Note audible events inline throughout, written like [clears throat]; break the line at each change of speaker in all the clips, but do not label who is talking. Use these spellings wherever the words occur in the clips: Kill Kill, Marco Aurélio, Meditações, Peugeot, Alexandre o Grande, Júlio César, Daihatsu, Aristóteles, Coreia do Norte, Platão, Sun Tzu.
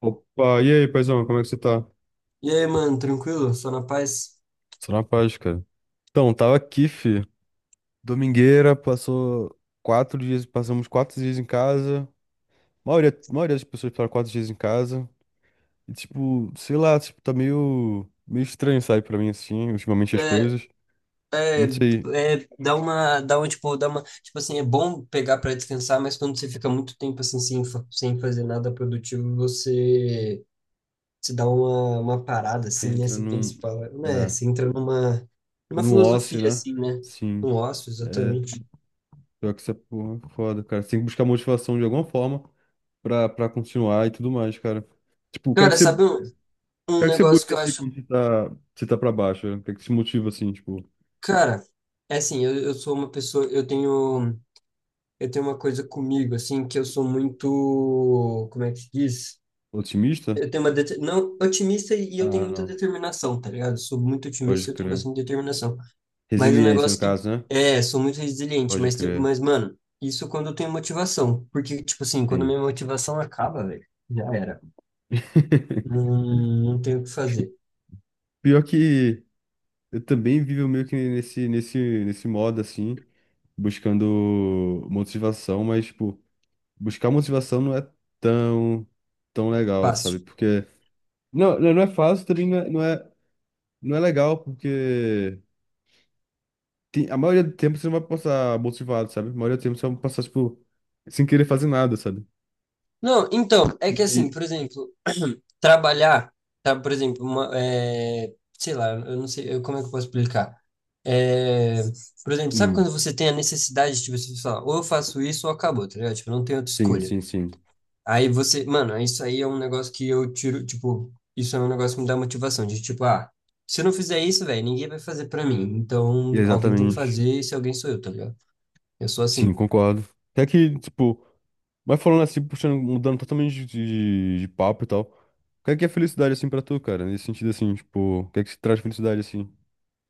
Opa, e aí, paizão, como é que você tá?
E aí, mano, tranquilo? Só na paz?
Só na paz, cara. Então, tava aqui, fi. Domingueira, passou 4 dias, passamos 4 dias em casa. A maioria das pessoas passaram 4 dias em casa. E, tipo, sei lá, tipo, tá meio estranho, sabe, pra mim, assim, ultimamente as
É,
coisas.
é,
Não sei,
é, dá uma, tipo assim, é bom pegar pra descansar, mas quando você fica muito tempo assim sem fazer nada produtivo, você se dá uma parada
você
assim, né?
entra
Você pensa, e fala, né?
é,
Você entra numa
num
filosofia
ócio, né?
assim, né? Um
Sim.
ócio,
É.
exatamente.
Pior que essa porra é foda, cara. Você tem que buscar motivação de alguma forma pra continuar e tudo mais, cara. Tipo, o que é que
Cara,
você...
sabe um,
O que
um
é que você
negócio que
busca
eu
assim
acho,
quando você tá pra baixo? O que é que te motiva assim, tipo,
cara, é assim, eu sou uma pessoa, eu tenho uma coisa comigo assim que eu sou muito, como é que se diz?
otimista?
Eu tenho não otimista e eu tenho
Ah,
muita
não.
determinação, tá ligado? Sou muito
Pode
otimista e eu tenho
crer.
bastante determinação. Mas o
Resiliência, no
negócio que
caso, né?
é, sou muito resiliente,
Pode
mas tem-
crer.
mas mano, isso é quando eu tenho motivação, porque tipo assim, quando
Sim.
minha motivação acaba, velho, já era.
[laughs]
Não, não tenho o que fazer.
Pior que eu também vivo meio que nesse modo assim, buscando motivação, mas, tipo, buscar motivação não é tão, tão legal, sabe?
Fácil.
Porque... Não, não é fácil, também não é legal, porque... A maioria do tempo você não vai passar motivado, sabe? A maioria do tempo você vai passar, tipo, sem querer fazer nada, sabe?
Não, então, é que assim,
E...
por exemplo, [clears throat] trabalhar, tá, por exemplo, uma, é, sei lá, eu não sei, como é que eu posso explicar? É, por exemplo, sabe quando
Hum,
você tem a necessidade de você falar, ou eu faço isso ou acabou, tá ligado? Tipo, não tem outra
sim,
escolha.
sim, sim.
Aí você, mano, é isso aí é um negócio que eu tiro, tipo, isso é um negócio que me dá motivação, de tipo, se eu não fizer isso, velho, ninguém vai fazer pra mim. Então, alguém tem que
Exatamente.
fazer, e se alguém sou eu, tá ligado? Eu sou
Sim,
assim.
concordo. Até que, tipo, mas falando assim, puxando, mudando totalmente de papo e tal. O que é felicidade, assim, pra tu, cara? Nesse sentido, assim, tipo, o que é que se traz felicidade, assim?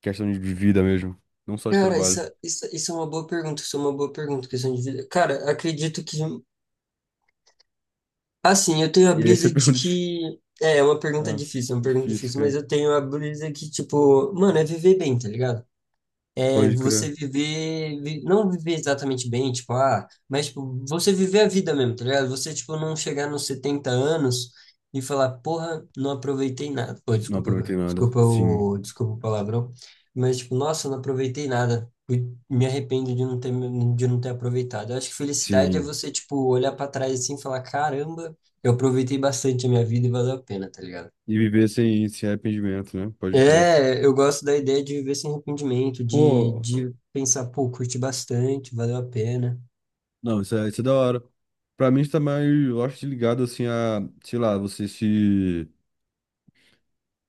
Questão de vida mesmo, não só de
Cara, isso,
trabalho.
isso, isso é uma boa pergunta, isso é uma boa pergunta, questão de vida. Cara, acredito que, assim, eu tenho a
E aí você [laughs]
brisa de
pergunta.
que, é uma pergunta
Ah,
difícil, é uma pergunta
difícil,
difícil, mas
cara.
eu tenho a brisa que, tipo, mano, é viver bem, tá ligado? É
Pode crer.
você não viver exatamente bem, tipo, mas tipo, você viver a vida mesmo, tá ligado? Você, tipo, não chegar nos 70 anos e falar, porra, não aproveitei nada. Pô,
Não aproveitei
desculpa,
nada.
desculpa
Sim,
o, desculpa o palavrão, mas, tipo, nossa, não aproveitei nada. Me arrependo de não ter aproveitado. Eu acho que felicidade é
sim.
você, tipo, olhar pra trás assim e falar, caramba, eu aproveitei bastante a minha vida e valeu a pena, tá ligado?
E viver sem arrependimento, né? Pode crer.
É, eu gosto da ideia de viver sem arrependimento, de,
Pô,
de pensar, pô, curti bastante, valeu a pena.
não, isso é da hora. Pra mim, está mais, eu acho, que ligado, assim, a, sei lá, você se,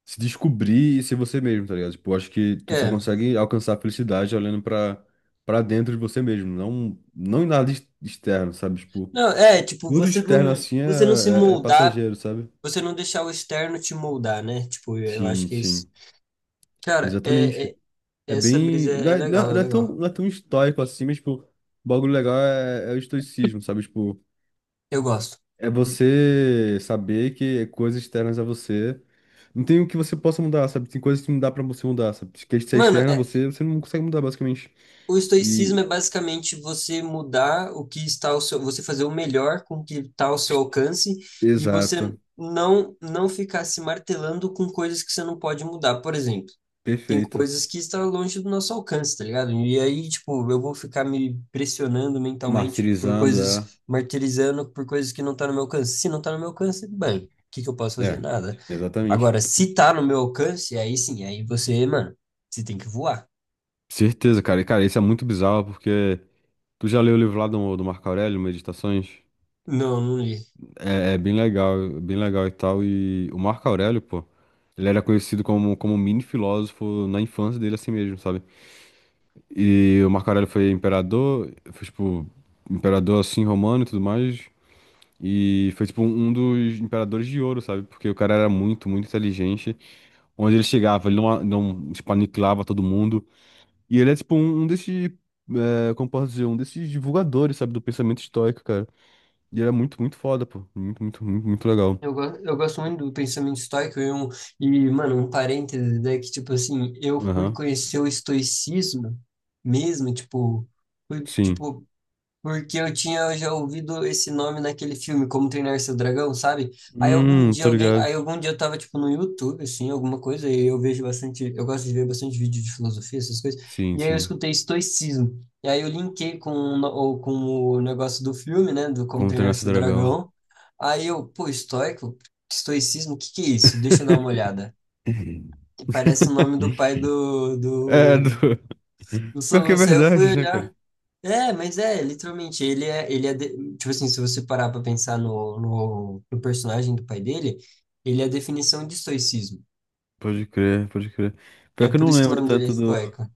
se descobrir e ser você mesmo, tá ligado? Tipo, eu acho que tu só
É,
consegue alcançar a felicidade olhando pra dentro de você mesmo, não em nada externo, sabe? Tipo,
não, é, tipo,
tudo
você
externo,
não,
assim, é,
você não se
é, é
moldar,
passageiro, sabe?
você não deixar o externo te moldar, né? Tipo, eu acho
Sim,
que é isso.
sim,
Cara,
exatamente. É
essa brisa
bem,
é,
não
é
é, não
legal,
é
é
não é tão,
legal.
não é tão estoico assim, mas, tipo, o bagulho legal é o estoicismo, sabe? Tipo...
Eu gosto.
É você saber que coisas externas a você. Não tem o que você possa mudar, sabe? Tem coisas que não dá pra você mudar, sabe? Que se é
Mano,
externa a você, você não consegue mudar, basicamente.
o
E...
estoicismo é basicamente você mudar o que está ao seu, você fazer o melhor com o que está ao seu alcance e você
Exato.
não ficar se martelando com coisas que você não pode mudar. Por exemplo, tem
Perfeito.
coisas que estão longe do nosso alcance, tá ligado? E aí, tipo, eu vou ficar me pressionando mentalmente por
Martirizando,
coisas,
é.
martirizando por coisas que não tá no meu alcance. Se não tá no meu alcance, bem, o que que eu posso fazer?
É,
Nada.
exatamente.
Agora, se tá no meu alcance, aí sim, aí você, mano, você tem que voar.
Certeza, cara. E, cara, isso é muito bizarro, porque... Tu já leu o livro lá do Marco Aurélio, Meditações?
Não, não li.
É bem legal e tal. E o Marco Aurélio, pô, ele era conhecido como mini filósofo na infância dele, assim mesmo, sabe? E o Marco Aurélio foi imperador, foi tipo, imperador assim romano e tudo mais. E foi tipo um dos imperadores de ouro, sabe? Porque o cara era muito, muito inteligente. Onde ele chegava, ele não tipo, aniquilava todo mundo. E ele é tipo um desses, é, como posso dizer, um desses divulgadores, sabe? Do pensamento estoico, cara. E ele era muito, muito foda, pô. Muito, muito, muito, muito legal.
Eu gosto muito do pensamento estoico e, mano, um parêntese, né, que, tipo assim, eu fui
Aham.
conhecer o estoicismo mesmo, tipo, fui,
Sim.
tipo, porque eu tinha já ouvido esse nome naquele filme, Como Treinar Seu Dragão, sabe? Aí algum dia
Tô
alguém,
ligado.
aí algum dia eu tava tipo no YouTube, assim, alguma coisa, e eu gosto de ver bastante vídeo de filosofia, essas coisas.
Sim,
E aí eu
sim.
escutei estoicismo. E aí eu linkei com, o no- ou com o negócio do filme, né, do Como
Como
Treinar
treinar seu
Seu
dragão.
Dragão. Aí eu, pô, estoicismo, o que que é isso? Deixa eu dar uma
[laughs]
olhada. E parece o nome do pai do
É, do...
do
Pior que é
Soluço. Aí eu fui
verdade, né, cara?
olhar. É, mas é, literalmente, tipo assim, se você parar pra pensar no personagem do pai dele, ele é a definição de estoicismo.
Pode crer, pode crer. Pior
É
que eu
por
não
isso que o
lembro
nome dele é
tanto do...
Estoica.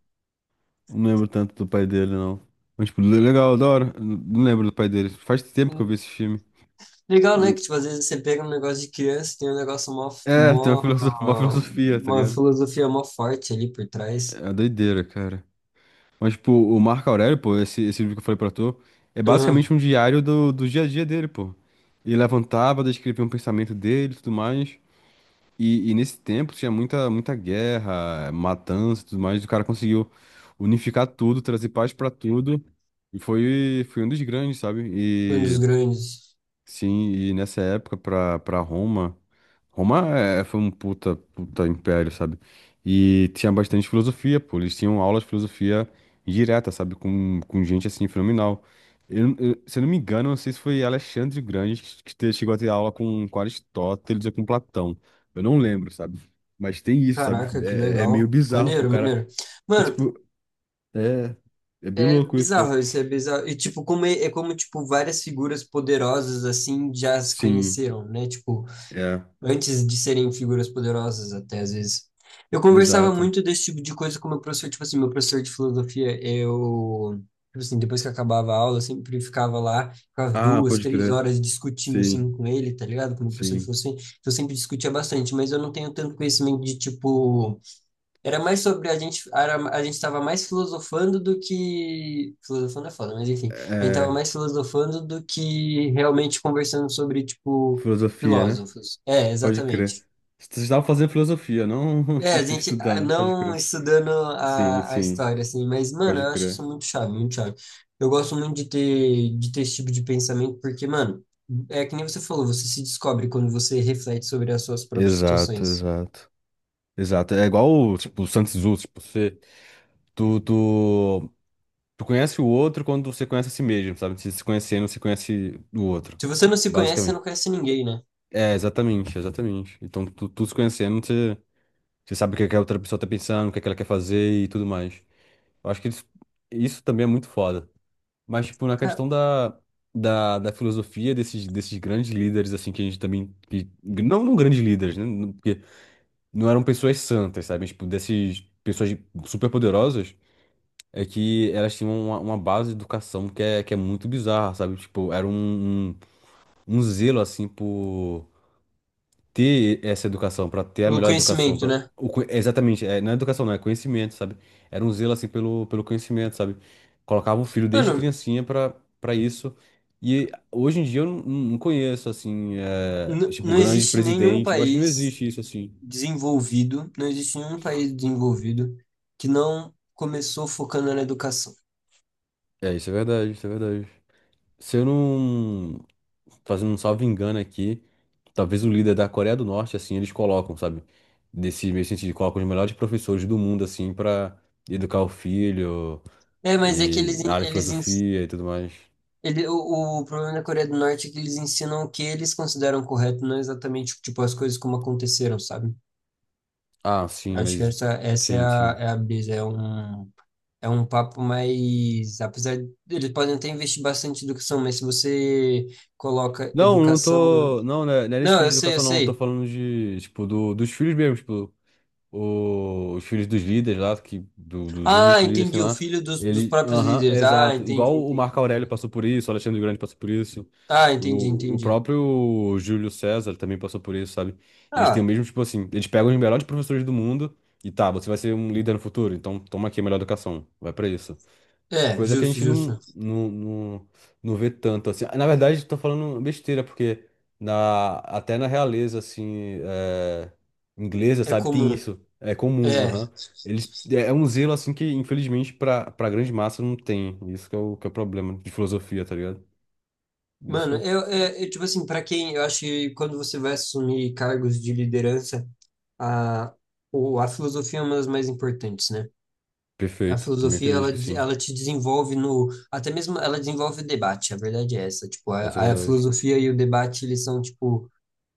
Não lembro tanto do pai dele, não. Mas, tipo, legal, da hora. Não lembro do pai dele. Faz tempo que eu vi
Hum,
esse filme.
Legal, né? Que, tipo, às vezes você pega um negócio de criança, tem um negócio mó,
É, tem uma filosofia, uma
mó,
filosofia, tá
uma
ligado?
filosofia mó forte ali por trás.
É doideira, cara. Mas, tipo, o Marco Aurélio, pô, esse livro que eu falei pra tu, é
Aham,
basicamente um diário do dia a dia dele, pô. Ele levantava, descrevia um pensamento dele e tudo mais. E nesse tempo tinha muita, muita guerra, matança e tudo mais, e o cara conseguiu unificar tudo, trazer paz pra tudo, e foi um dos grandes, sabe?
foi um dos grandes.
Sim, e nessa época pra Roma, Roma foi um puta, puta império, sabe? E tinha bastante filosofia, pô. Eles tinham aulas de filosofia direta, sabe? Com gente assim, fenomenal. Se eu não me engano, não sei se foi Alexandre o Grande que chegou a ter aula com Aristóteles ou com Platão. Eu não lembro, sabe? Mas tem isso, sabe?
Caraca, que
É meio
legal.
bizarro, pô. O
Maneiro,
cara...
maneiro.
É,
Mano,
tipo, é, é bem
é
louco isso, pô.
bizarro, isso é bizarro. E, tipo, é como, tipo, várias figuras poderosas, assim, já se
Sim,
conheceram, né? Tipo,
é,
antes de serem figuras poderosas, até, às vezes. Eu conversava
exato.
muito desse tipo de coisa com meu professor, tipo assim, meu professor de filosofia, eu... Tipo assim, depois que acabava a aula, eu sempre ficava lá, ficava
Ah,
duas,
pode
três
crer.
horas discutindo, assim,
Sim.
com ele, tá ligado? Com o meu professor de
Sim.
filosofia. Então, eu sempre discutia bastante, mas eu não tenho tanto conhecimento de, tipo... Era mais sobre a gente, a gente estava mais filosofando do que. Filosofando é foda, mas enfim. A gente estava
É,
mais filosofando do que realmente conversando sobre, tipo,
filosofia, né?
filósofos. É,
Pode crer.
exatamente.
Você estava fazendo filosofia, não
É, a
[laughs]
gente
estudando, pode
não
crer.
estudando
Sim,
a
sim,
história, assim, mas, mano, eu
pode
acho
crer.
isso muito chave, muito chave. Eu gosto muito de ter esse tipo de pensamento, porque, mano, é que nem você falou, você se descobre quando você reflete sobre as suas próprias
Exato,
situações.
exato. Exato. É igual, tipo, o Sun Tzu, tipo, tu, tu, tu conhece o outro quando você conhece a si mesmo, sabe? Se conhecendo, você conhece o outro,
Se você não se conhece, você
basicamente.
não conhece ninguém, né?
É, exatamente, exatamente. Então, tu se conhecendo, você, você sabe o que é que a outra pessoa tá pensando, o que é que ela quer fazer e tudo mais. Eu acho que isso também é muito foda. Mas, tipo, na
Ca-
questão da filosofia desses grandes líderes, assim, que a gente também. Que, não grandes líderes, né? Porque não eram pessoas santas, sabe? Tipo, dessas pessoas super poderosas, é que elas tinham uma base de educação que é muito bizarra, sabe? Tipo, era um zelo, assim, por ter essa educação, para ter a
Pelo
melhor educação,
conhecimento,
para...
né?
Exatamente, é, não é educação, não, é conhecimento, sabe? Era um zelo assim pelo conhecimento, sabe? Colocava o filho desde
Mano,
criancinha para isso. E hoje em dia eu não conheço assim, é, tipo,
não
grande
existe nenhum
presidente, eu acho que não
país
existe isso assim.
desenvolvido, não existe nenhum país desenvolvido que não começou focando na educação.
É, isso é verdade, isso é verdade. Se eu não fazendo um salvo engano aqui, talvez o líder da Coreia do Norte assim, eles colocam, sabe? Desse mesmo sentido, colocam os melhores professores do mundo assim para educar o filho.
É, mas é que eles,
E a
en-
área de
eles, ens-
filosofia e tudo mais.
ele, o problema da Coreia do Norte é que eles ensinam o que eles consideram correto, não exatamente, tipo, as coisas como aconteceram, sabe?
Ah, sim,
Acho que
mas...
essa é
Sim,
a,
sim.
é a brisa, é um papo mais, apesar de, eles podem até investir bastante em educação, mas se você coloca
Não, não
educação
tô. Não, né, não é nesse
não,
vídeo de
eu sei, eu
educação, não. Eu tô
sei.
falando de... Tipo, dos filhos mesmo. Tipo, os filhos dos líderes lá, que, dos
Ah,
únicos líderes que tem
entendi. O
lá.
filho dos
Ele.
próprios
Aham,
líderes. Ah,
exato.
entendi,
Igual o
entendi,
Marco Aurélio
entendi.
passou por isso, o Alexandre o Grande passou por isso.
Ah, entendi,
O
entendi.
próprio Júlio César também passou por isso, sabe? Eles têm o
Ah,
mesmo, tipo assim, eles pegam os melhores professores do mundo e tá, você vai ser um líder no futuro, então toma aqui a melhor educação. Vai pra isso.
é,
Coisa que a
justo,
gente não,
justo.
não, não, não vê tanto, assim. Na verdade, tô falando besteira, porque... Até na realeza, assim, é, inglesa,
É
sabe, tem
comum.
isso. É comum,
É.
aham. Eles, é um zelo, assim, que infelizmente pra grande massa não tem. Isso que é o problema de filosofia, tá ligado? Isso que
Mano,
é o...
tipo assim, pra quem, eu acho que quando você vai assumir cargos de liderança, a, a filosofia é uma das mais importantes, né? A
Perfeito. Também
filosofia,
acredito
ela,
que
de-
sim.
ela te desenvolve no, até mesmo ela desenvolve o debate, a verdade é essa, tipo,
Essa é a
a
verdade.
filosofia e o debate, eles são, tipo,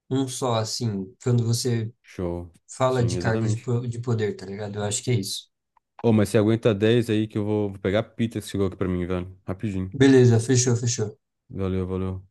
um só, assim, quando você
Show.
fala
Sim,
de cargos de
exatamente.
poder, tá ligado? Eu acho que é isso.
Ô, mas você aguenta 10 aí que eu vou pegar a pizza que chegou aqui pra mim, velho. Rapidinho.
Beleza, fechou, fechou.
Valeu, valeu.